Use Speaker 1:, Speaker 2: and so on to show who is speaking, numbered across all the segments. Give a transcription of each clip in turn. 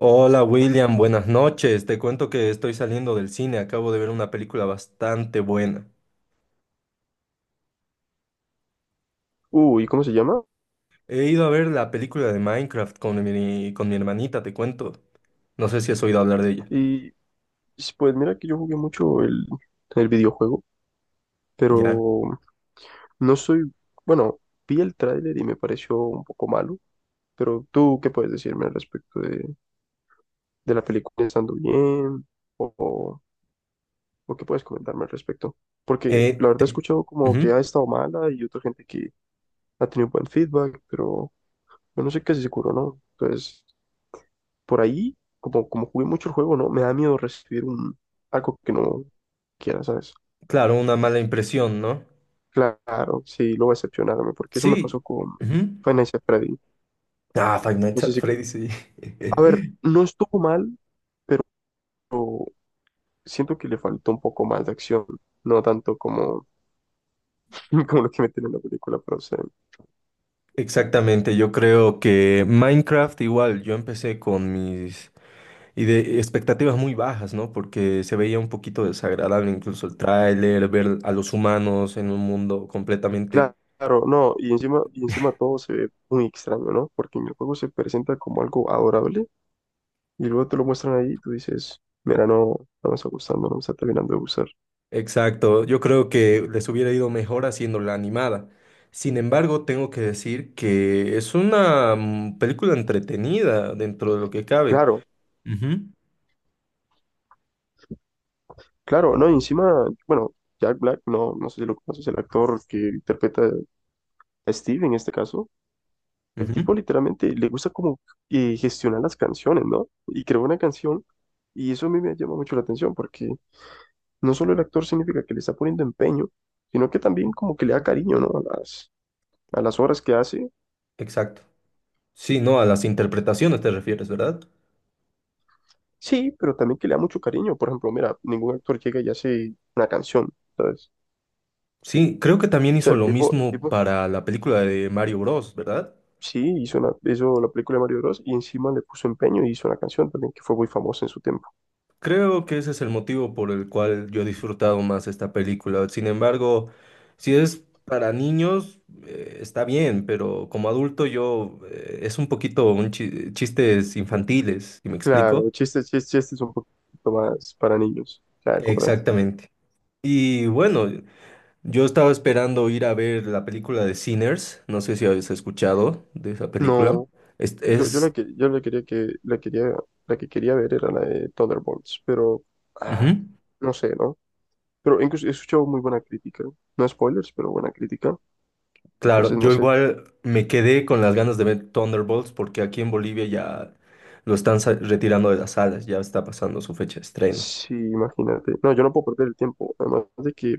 Speaker 1: Hola William, buenas noches. Te cuento que estoy saliendo del cine, acabo de ver una película bastante buena.
Speaker 2: Uy, ¿cómo se llama?
Speaker 1: He ido a ver la película de Minecraft con mi hermanita, te cuento. No sé si has oído hablar de ella.
Speaker 2: Y pues mira que yo jugué mucho el videojuego,
Speaker 1: Ya.
Speaker 2: pero no soy, bueno, vi el tráiler y me pareció un poco malo, pero tú, ¿qué puedes decirme al respecto de la película estando bien? O, o, o qué puedes comentarme al respecto? Porque la
Speaker 1: Eh,
Speaker 2: verdad he
Speaker 1: te-
Speaker 2: escuchado como que
Speaker 1: Ujú.
Speaker 2: ha estado mala y otra gente que ha tenido buen feedback, pero yo no sé qué es seguro, ¿no? Entonces, por ahí, como jugué mucho el juego, ¿no? Me da miedo recibir algo que no quiera, ¿sabes?
Speaker 1: Claro, una mala impresión, ¿no?
Speaker 2: Claro, sí, lo voy a excepcionarme, porque eso me
Speaker 1: Sí.
Speaker 2: pasó con
Speaker 1: Ujú.
Speaker 2: Five Nights at Freddy.
Speaker 1: Ah, Five
Speaker 2: No
Speaker 1: Nights
Speaker 2: sé
Speaker 1: at
Speaker 2: si...
Speaker 1: Freddy's, sí.
Speaker 2: A ver, no estuvo mal, pero siento que le faltó un poco más de acción, no tanto como, como lo que meten en la película, pero o sea,
Speaker 1: Exactamente, yo creo que Minecraft igual, yo empecé con mis. Y de expectativas muy bajas, ¿no? Porque se veía un poquito desagradable incluso el tráiler, ver a los humanos en un mundo completamente
Speaker 2: claro, no, y encima todo se ve muy extraño, ¿no? Porque en el juego se presenta como algo adorable, y luego te lo muestran ahí y tú dices, mira, no me está gustando, no me está terminando de gustar.
Speaker 1: exacto. Yo creo que les hubiera ido mejor haciendo la animada. Sin embargo, tengo que decir que es una película entretenida dentro de lo que cabe.
Speaker 2: Claro, claro, no, y encima, bueno, Jack Black, no sé si lo conoces, el actor que interpreta a Steve en este caso, el
Speaker 1: Ujú, ujú.
Speaker 2: tipo literalmente le gusta como gestionar las canciones, ¿no? Y creó una canción y eso a mí me llama mucho la atención porque no solo el actor significa que le está poniendo empeño, sino que también como que le da cariño, ¿no? A las obras que hace.
Speaker 1: Exacto. Sí, no, a las interpretaciones te refieres, ¿verdad?
Speaker 2: Sí, pero también que le da mucho cariño. Por ejemplo, mira, ningún actor llega y hace una canción, ¿sabes?
Speaker 1: Sí, creo que también
Speaker 2: O sea,
Speaker 1: hizo
Speaker 2: el
Speaker 1: lo
Speaker 2: tipo, el
Speaker 1: mismo
Speaker 2: tipo
Speaker 1: para la película de Mario Bros, ¿verdad?
Speaker 2: sí hizo, una, hizo la película de Mario Bros. Y encima le puso empeño y hizo una canción también que fue muy famosa en su tiempo.
Speaker 1: Creo que ese es el motivo por el cual yo he disfrutado más esta película. Sin embargo, si es para niños, está bien, pero como adulto yo es un poquito un chistes infantiles, si me explico.
Speaker 2: Claro, chistes un poquito más para niños. Ya, comprendo.
Speaker 1: Exactamente. Y bueno, yo estaba esperando ir a ver la película de Sinners. No sé si habéis escuchado de esa película.
Speaker 2: No, yo la
Speaker 1: Es...
Speaker 2: que yo la quería que la quería la que quería ver era la de Thunderbolts, pero ah,
Speaker 1: Ujú.
Speaker 2: no sé, ¿no? Pero incluso he escuchado muy buena crítica. No spoilers, pero buena crítica.
Speaker 1: Claro,
Speaker 2: Entonces no
Speaker 1: yo
Speaker 2: sé
Speaker 1: igual me quedé con las ganas de ver Thunderbolts porque aquí en Bolivia ya lo están retirando de las salas, ya está pasando su fecha de estreno.
Speaker 2: sí, imagínate. No, yo no puedo perder el tiempo. Además de que,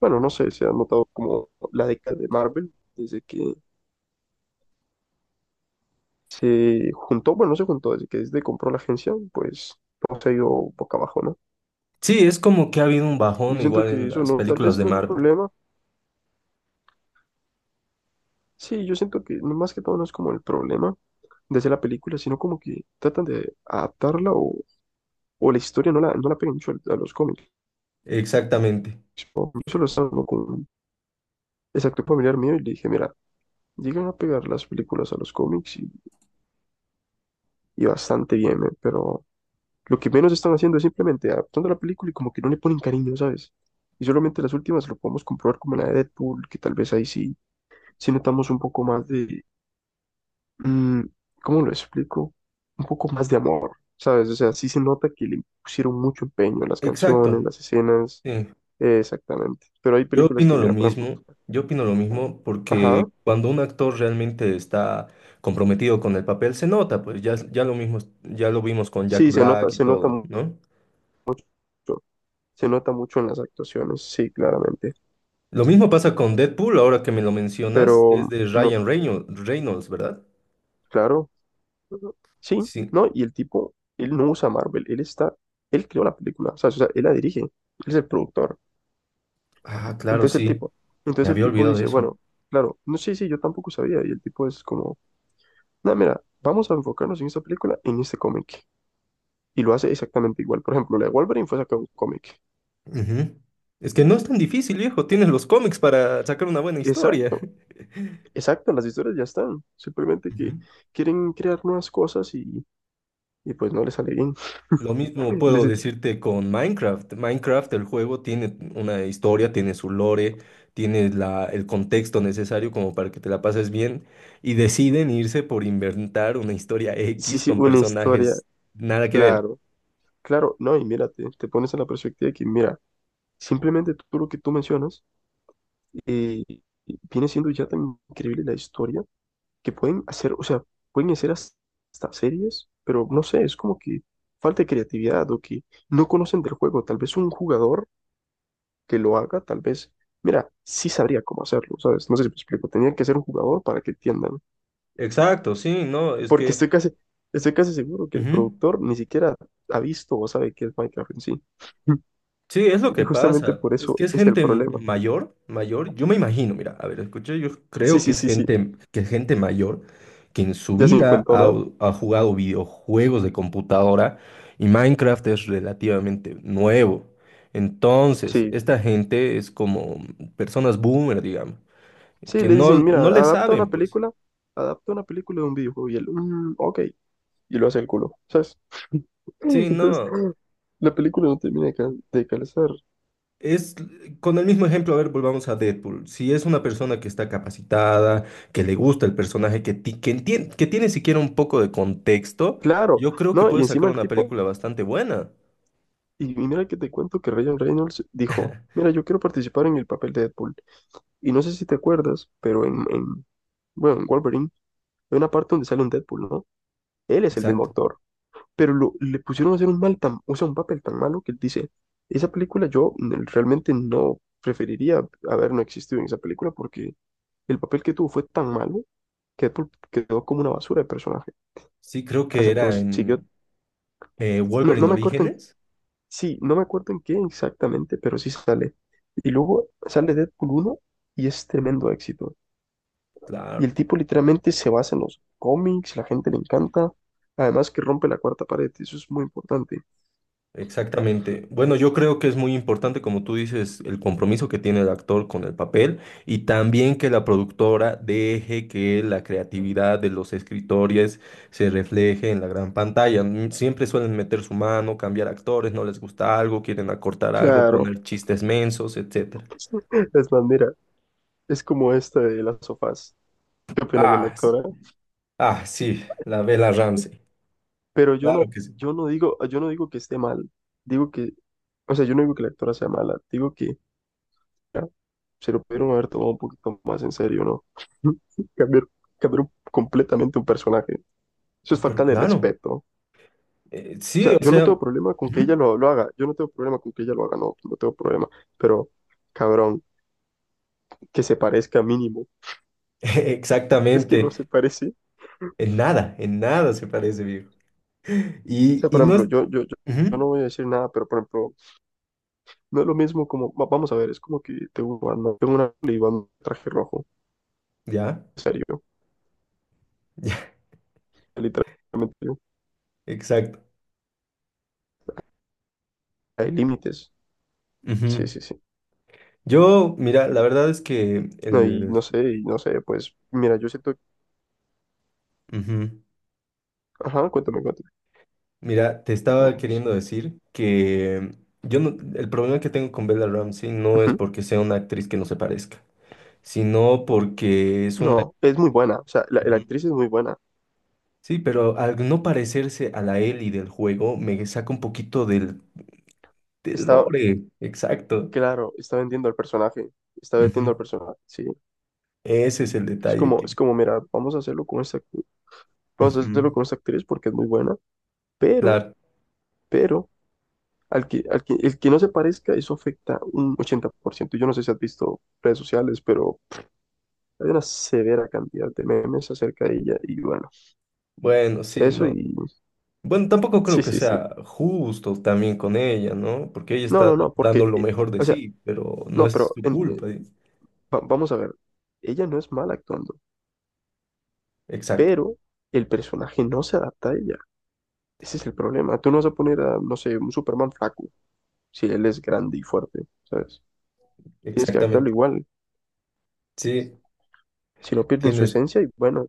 Speaker 2: bueno, no sé, se ha notado como la década de Marvel desde que se juntó, bueno, no se juntó, desde que desde compró la agencia, pues hemos ido boca abajo, ¿no?
Speaker 1: Sí, es como que ha habido un
Speaker 2: Y yo
Speaker 1: bajón
Speaker 2: siento
Speaker 1: igual
Speaker 2: que
Speaker 1: en
Speaker 2: eso
Speaker 1: las
Speaker 2: no, tal
Speaker 1: películas
Speaker 2: vez
Speaker 1: de
Speaker 2: no es un
Speaker 1: Marvel.
Speaker 2: problema. Sí, yo siento que no más que todo no es como el problema de hacer la película, sino como que tratan de adaptarla o la historia no la pegan mucho a los cómics.
Speaker 1: Exactamente.
Speaker 2: Yo solo estaba hablando con un exacto familiar mío y le dije, mira, llegan a pegar las películas a los cómics y bastante bien, pero lo que menos están haciendo es simplemente adaptando la película y como que no le ponen cariño, ¿sabes? Y solamente las últimas lo podemos comprobar como la de Deadpool, que tal vez ahí sí notamos un poco más de, mm, ¿cómo lo explico? Un poco más de amor, ¿sabes? O sea, sí se nota que le pusieron mucho empeño en las canciones,
Speaker 1: Exacto.
Speaker 2: las escenas,
Speaker 1: Sí.
Speaker 2: exactamente. Pero hay
Speaker 1: Yo
Speaker 2: películas
Speaker 1: opino
Speaker 2: que,
Speaker 1: lo
Speaker 2: mira, por ejemplo,
Speaker 1: mismo. Yo opino lo mismo
Speaker 2: ajá,
Speaker 1: porque cuando un actor realmente está comprometido con el papel, se nota, pues ya, ya lo mismo, ya lo vimos con Jack
Speaker 2: sí,
Speaker 1: Black y todo, ¿no?
Speaker 2: mucho, se nota mucho en las actuaciones, sí, claramente.
Speaker 1: Lo mismo pasa con Deadpool, ahora que me lo mencionas, es
Speaker 2: Pero,
Speaker 1: de
Speaker 2: no,
Speaker 1: Ryan Reynolds, Reynolds, ¿verdad?
Speaker 2: claro, sí,
Speaker 1: Sí.
Speaker 2: ¿no? Y el tipo, él no usa Marvel, él está, él creó la película, ¿sabes? O sea, él la dirige, él es el productor.
Speaker 1: Ah, claro,
Speaker 2: Entonces el
Speaker 1: sí.
Speaker 2: tipo, entonces
Speaker 1: Me
Speaker 2: el
Speaker 1: había
Speaker 2: tipo
Speaker 1: olvidado de
Speaker 2: dice,
Speaker 1: eso.
Speaker 2: bueno, claro, no sé si yo tampoco sabía. Y el tipo es como, no, mira, vamos a enfocarnos en esta película, en este cómic. Y lo hace exactamente igual. Por ejemplo, la de Wolverine fue sacada de un cómic.
Speaker 1: Ujú. Es que no es tan difícil, viejo. Tienes los cómics para sacar una buena historia.
Speaker 2: Exacto, exacto, las historias ya están. Simplemente que
Speaker 1: Ujú.
Speaker 2: quieren crear nuevas cosas y pues no les sale bien.
Speaker 1: Lo mismo
Speaker 2: Les-
Speaker 1: puedo decirte con Minecraft. Minecraft, el juego, tiene una historia, tiene su lore, tiene el contexto necesario como para que te la pases bien y deciden irse por inventar una historia
Speaker 2: sí,
Speaker 1: X
Speaker 2: sí,
Speaker 1: con
Speaker 2: una historia,
Speaker 1: personajes nada que ver.
Speaker 2: claro, claro, no, y mira, te pones en la perspectiva de que, mira, simplemente todo lo que tú mencionas eh, viene siendo ya tan increíble la historia que pueden hacer, o sea, pueden hacer has- hasta series, pero no sé, es como que falta de creatividad o que no conocen del juego. Tal vez un jugador que lo haga, tal vez, mira, sí sabría cómo hacerlo, ¿sabes? No sé si me explico, tenían que ser un jugador para que entiendan,
Speaker 1: Exacto, sí, no, es
Speaker 2: porque
Speaker 1: que.
Speaker 2: estoy casi seguro que el
Speaker 1: Ujú.
Speaker 2: productor ni siquiera ha visto o sabe qué es Minecraft en sí.
Speaker 1: Sí, es lo
Speaker 2: Y
Speaker 1: que
Speaker 2: justamente
Speaker 1: pasa,
Speaker 2: por
Speaker 1: es
Speaker 2: eso
Speaker 1: que es
Speaker 2: es el
Speaker 1: gente
Speaker 2: problema.
Speaker 1: mayor, mayor, yo me imagino, mira, a ver, escuché, yo
Speaker 2: Sí,
Speaker 1: creo
Speaker 2: sí, sí, sí,
Speaker 1: que es gente mayor que en su
Speaker 2: ya se
Speaker 1: vida
Speaker 2: encontró,
Speaker 1: ha,
Speaker 2: ¿no?
Speaker 1: ha jugado videojuegos de computadora y Minecraft es relativamente nuevo. Entonces,
Speaker 2: Sí,
Speaker 1: esta gente es como personas boomer, digamos,
Speaker 2: sí,
Speaker 1: que
Speaker 2: le
Speaker 1: no,
Speaker 2: dicen, mira,
Speaker 1: no le
Speaker 2: adapta una
Speaker 1: saben, pues,
Speaker 2: película. Adapta una película de un videojuego y él, "Mm, ok, y lo hacen culo, ¿sabes?
Speaker 1: sí,
Speaker 2: Entonces,
Speaker 1: no.
Speaker 2: la película no termina de, de calzar.
Speaker 1: Es con el mismo ejemplo, a ver, volvamos a Deadpool. Si es una persona que está capacitada, que le gusta el personaje, que, que tiene siquiera un poco de contexto,
Speaker 2: Claro,
Speaker 1: yo creo que
Speaker 2: no, y
Speaker 1: puede sacar
Speaker 2: encima el
Speaker 1: una
Speaker 2: tipo,
Speaker 1: película bastante buena.
Speaker 2: y mira que te cuento que Ryan Reynolds dijo, mira, yo quiero participar en el papel de Deadpool. Y no sé si te acuerdas, pero bueno, en Wolverine hay una parte donde sale un Deadpool, ¿no? Él es el mismo
Speaker 1: Exacto.
Speaker 2: actor, pero le pusieron a hacer un mal tan, o sea, un papel tan malo que él dice, esa película yo realmente no preferiría haber no existido en esa película porque el papel que tuvo fue tan malo quedó como una basura de personaje.
Speaker 1: Sí, creo que
Speaker 2: Hasta que
Speaker 1: era
Speaker 2: vos siguió,
Speaker 1: en Wolverine
Speaker 2: no me acuerdo en,
Speaker 1: Orígenes.
Speaker 2: sí, no me acuerdo en qué exactamente, pero sí sale. Y luego sale Deadpool uno y es tremendo éxito. Y
Speaker 1: Claro.
Speaker 2: el tipo literalmente se basa en los cómics, la gente le encanta. Además que rompe la cuarta pared, y eso es muy importante.
Speaker 1: Exactamente. Bueno, yo creo que es muy importante, como tú dices, el compromiso que tiene el actor con el papel y también que la productora deje que la creatividad de los escritores se refleje en la gran pantalla. Siempre suelen meter su mano, cambiar actores, no les gusta algo, quieren acortar algo,
Speaker 2: Claro,
Speaker 1: poner chistes mensos, etcétera.
Speaker 2: es bandera. Es como esta de las sofás. ¿Qué opinas de la
Speaker 1: Ah, s-
Speaker 2: actora?
Speaker 1: ah, sí, la Bella Ramsey.
Speaker 2: Pero yo
Speaker 1: Claro
Speaker 2: no,
Speaker 1: que sí.
Speaker 2: yo no digo que esté mal. Digo que, o sea, yo no digo que la actora sea mala. Digo que se lo pudieron haber tomado un poquito más en serio, ¿no? Cambiar, cambiar completamente un personaje. Eso es
Speaker 1: Pero
Speaker 2: falta de
Speaker 1: claro,
Speaker 2: respeto. O
Speaker 1: sí,
Speaker 2: sea,
Speaker 1: o
Speaker 2: yo no
Speaker 1: sea,
Speaker 2: tengo problema con que ella
Speaker 1: Ujú.
Speaker 2: lo haga. Yo no tengo problema con que ella lo haga, no, no tengo problema. Pero, cabrón, que se parezca mínimo. Es que no
Speaker 1: exactamente,
Speaker 2: se parece.
Speaker 1: en nada se parece, viejo.
Speaker 2: O sea,
Speaker 1: Y
Speaker 2: por
Speaker 1: no es...
Speaker 2: ejemplo, yo
Speaker 1: Ujú,
Speaker 2: no voy a decir nada, pero por ejemplo, no es lo mismo como, vamos a ver, es como que tengo, ¿no? tengo una y un traje rojo,
Speaker 1: ya,
Speaker 2: en serio,
Speaker 1: ya,
Speaker 2: literalmente,
Speaker 1: exacto.
Speaker 2: hay límites.
Speaker 1: Ujú.
Speaker 2: Sí, sí, sí.
Speaker 1: Yo, mira, la verdad es que
Speaker 2: No,
Speaker 1: el...
Speaker 2: y no sé, pues mira, yo siento,
Speaker 1: ujú,
Speaker 2: ajá, cuéntame.
Speaker 1: Mira, te
Speaker 2: No,
Speaker 1: estaba
Speaker 2: pues,
Speaker 1: queriendo decir que yo no- el problema que tengo con Bella Ramsey no es
Speaker 2: ujú.
Speaker 1: porque sea una actriz que no se parezca, sino porque es una...
Speaker 2: No, es muy buena, o sea, la
Speaker 1: Ujú.
Speaker 2: actriz es muy buena.
Speaker 1: Sí, pero al no parecerse a la Ellie del juego, me saca un poquito del, del
Speaker 2: Está,
Speaker 1: lore. Exacto.
Speaker 2: claro, está vendiendo al
Speaker 1: Ujú.
Speaker 2: personaje, sí.
Speaker 1: Ese es el detalle que...
Speaker 2: Mira, vamos a hacerlo
Speaker 1: Ujú.
Speaker 2: con esta actriz porque es muy buena, pero,
Speaker 1: Claro.
Speaker 2: pero, el que no se parezca, eso afecta un 80%. Yo no sé si has visto redes sociales, pero hay una severa cantidad de memes acerca de ella, y bueno,
Speaker 1: Bueno, sí,
Speaker 2: eso
Speaker 1: no.
Speaker 2: y,
Speaker 1: Bueno, tampoco creo
Speaker 2: sí,
Speaker 1: que
Speaker 2: sí, sí.
Speaker 1: sea justo también con ella, ¿no? Porque ella
Speaker 2: No,
Speaker 1: está
Speaker 2: no, no, porque,
Speaker 1: dando lo mejor de
Speaker 2: o sea,
Speaker 1: sí, pero no
Speaker 2: no,
Speaker 1: es su culpa. ¿Eh?
Speaker 2: vamos a ver, ella no es mala actuando,
Speaker 1: Exacto,
Speaker 2: pero el personaje no se adapta a ella. Ese es el problema. Tú no vas a poner a, no sé, un Superman flaco, si él es grande y fuerte, ¿sabes? Tienes que adaptarlo
Speaker 1: exactamente.
Speaker 2: igual,
Speaker 1: Sí,
Speaker 2: si no pierden su
Speaker 1: tienes,
Speaker 2: esencia y bueno,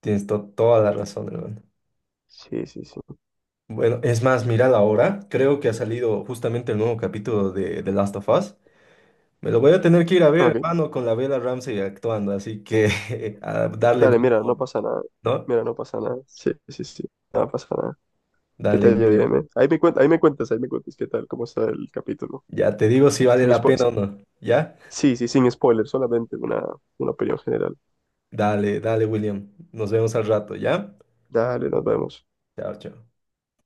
Speaker 1: tienes toda la razón, hermano.
Speaker 2: sí, sí, sí.
Speaker 1: Bueno, es más, mirad ahora, creo que ha salido justamente el nuevo capítulo de The Last of Us. Me lo voy a tener que ir a ver,
Speaker 2: Ok,
Speaker 1: hermano, con la Bella Ramsey actuando, así que a darle
Speaker 2: dale,
Speaker 1: buen humor, ¿no?
Speaker 2: mira, no pasa nada, sí, sí, sí, no pasa nada. ¿Qué
Speaker 1: Dale,
Speaker 2: tal,
Speaker 1: William.
Speaker 2: bien, ahí me cuentas qué tal, cómo está el capítulo.
Speaker 1: Ya te digo si vale
Speaker 2: Sin
Speaker 1: la
Speaker 2: spo-
Speaker 1: pena
Speaker 2: sí,
Speaker 1: o no, ¿ya?
Speaker 2: sí, sí, sin spoilers, solamente una opinión general.
Speaker 1: Dale, dale, William. Nos vemos al rato, ¿ya?
Speaker 2: Dale, nos vemos.
Speaker 1: Chao, chao.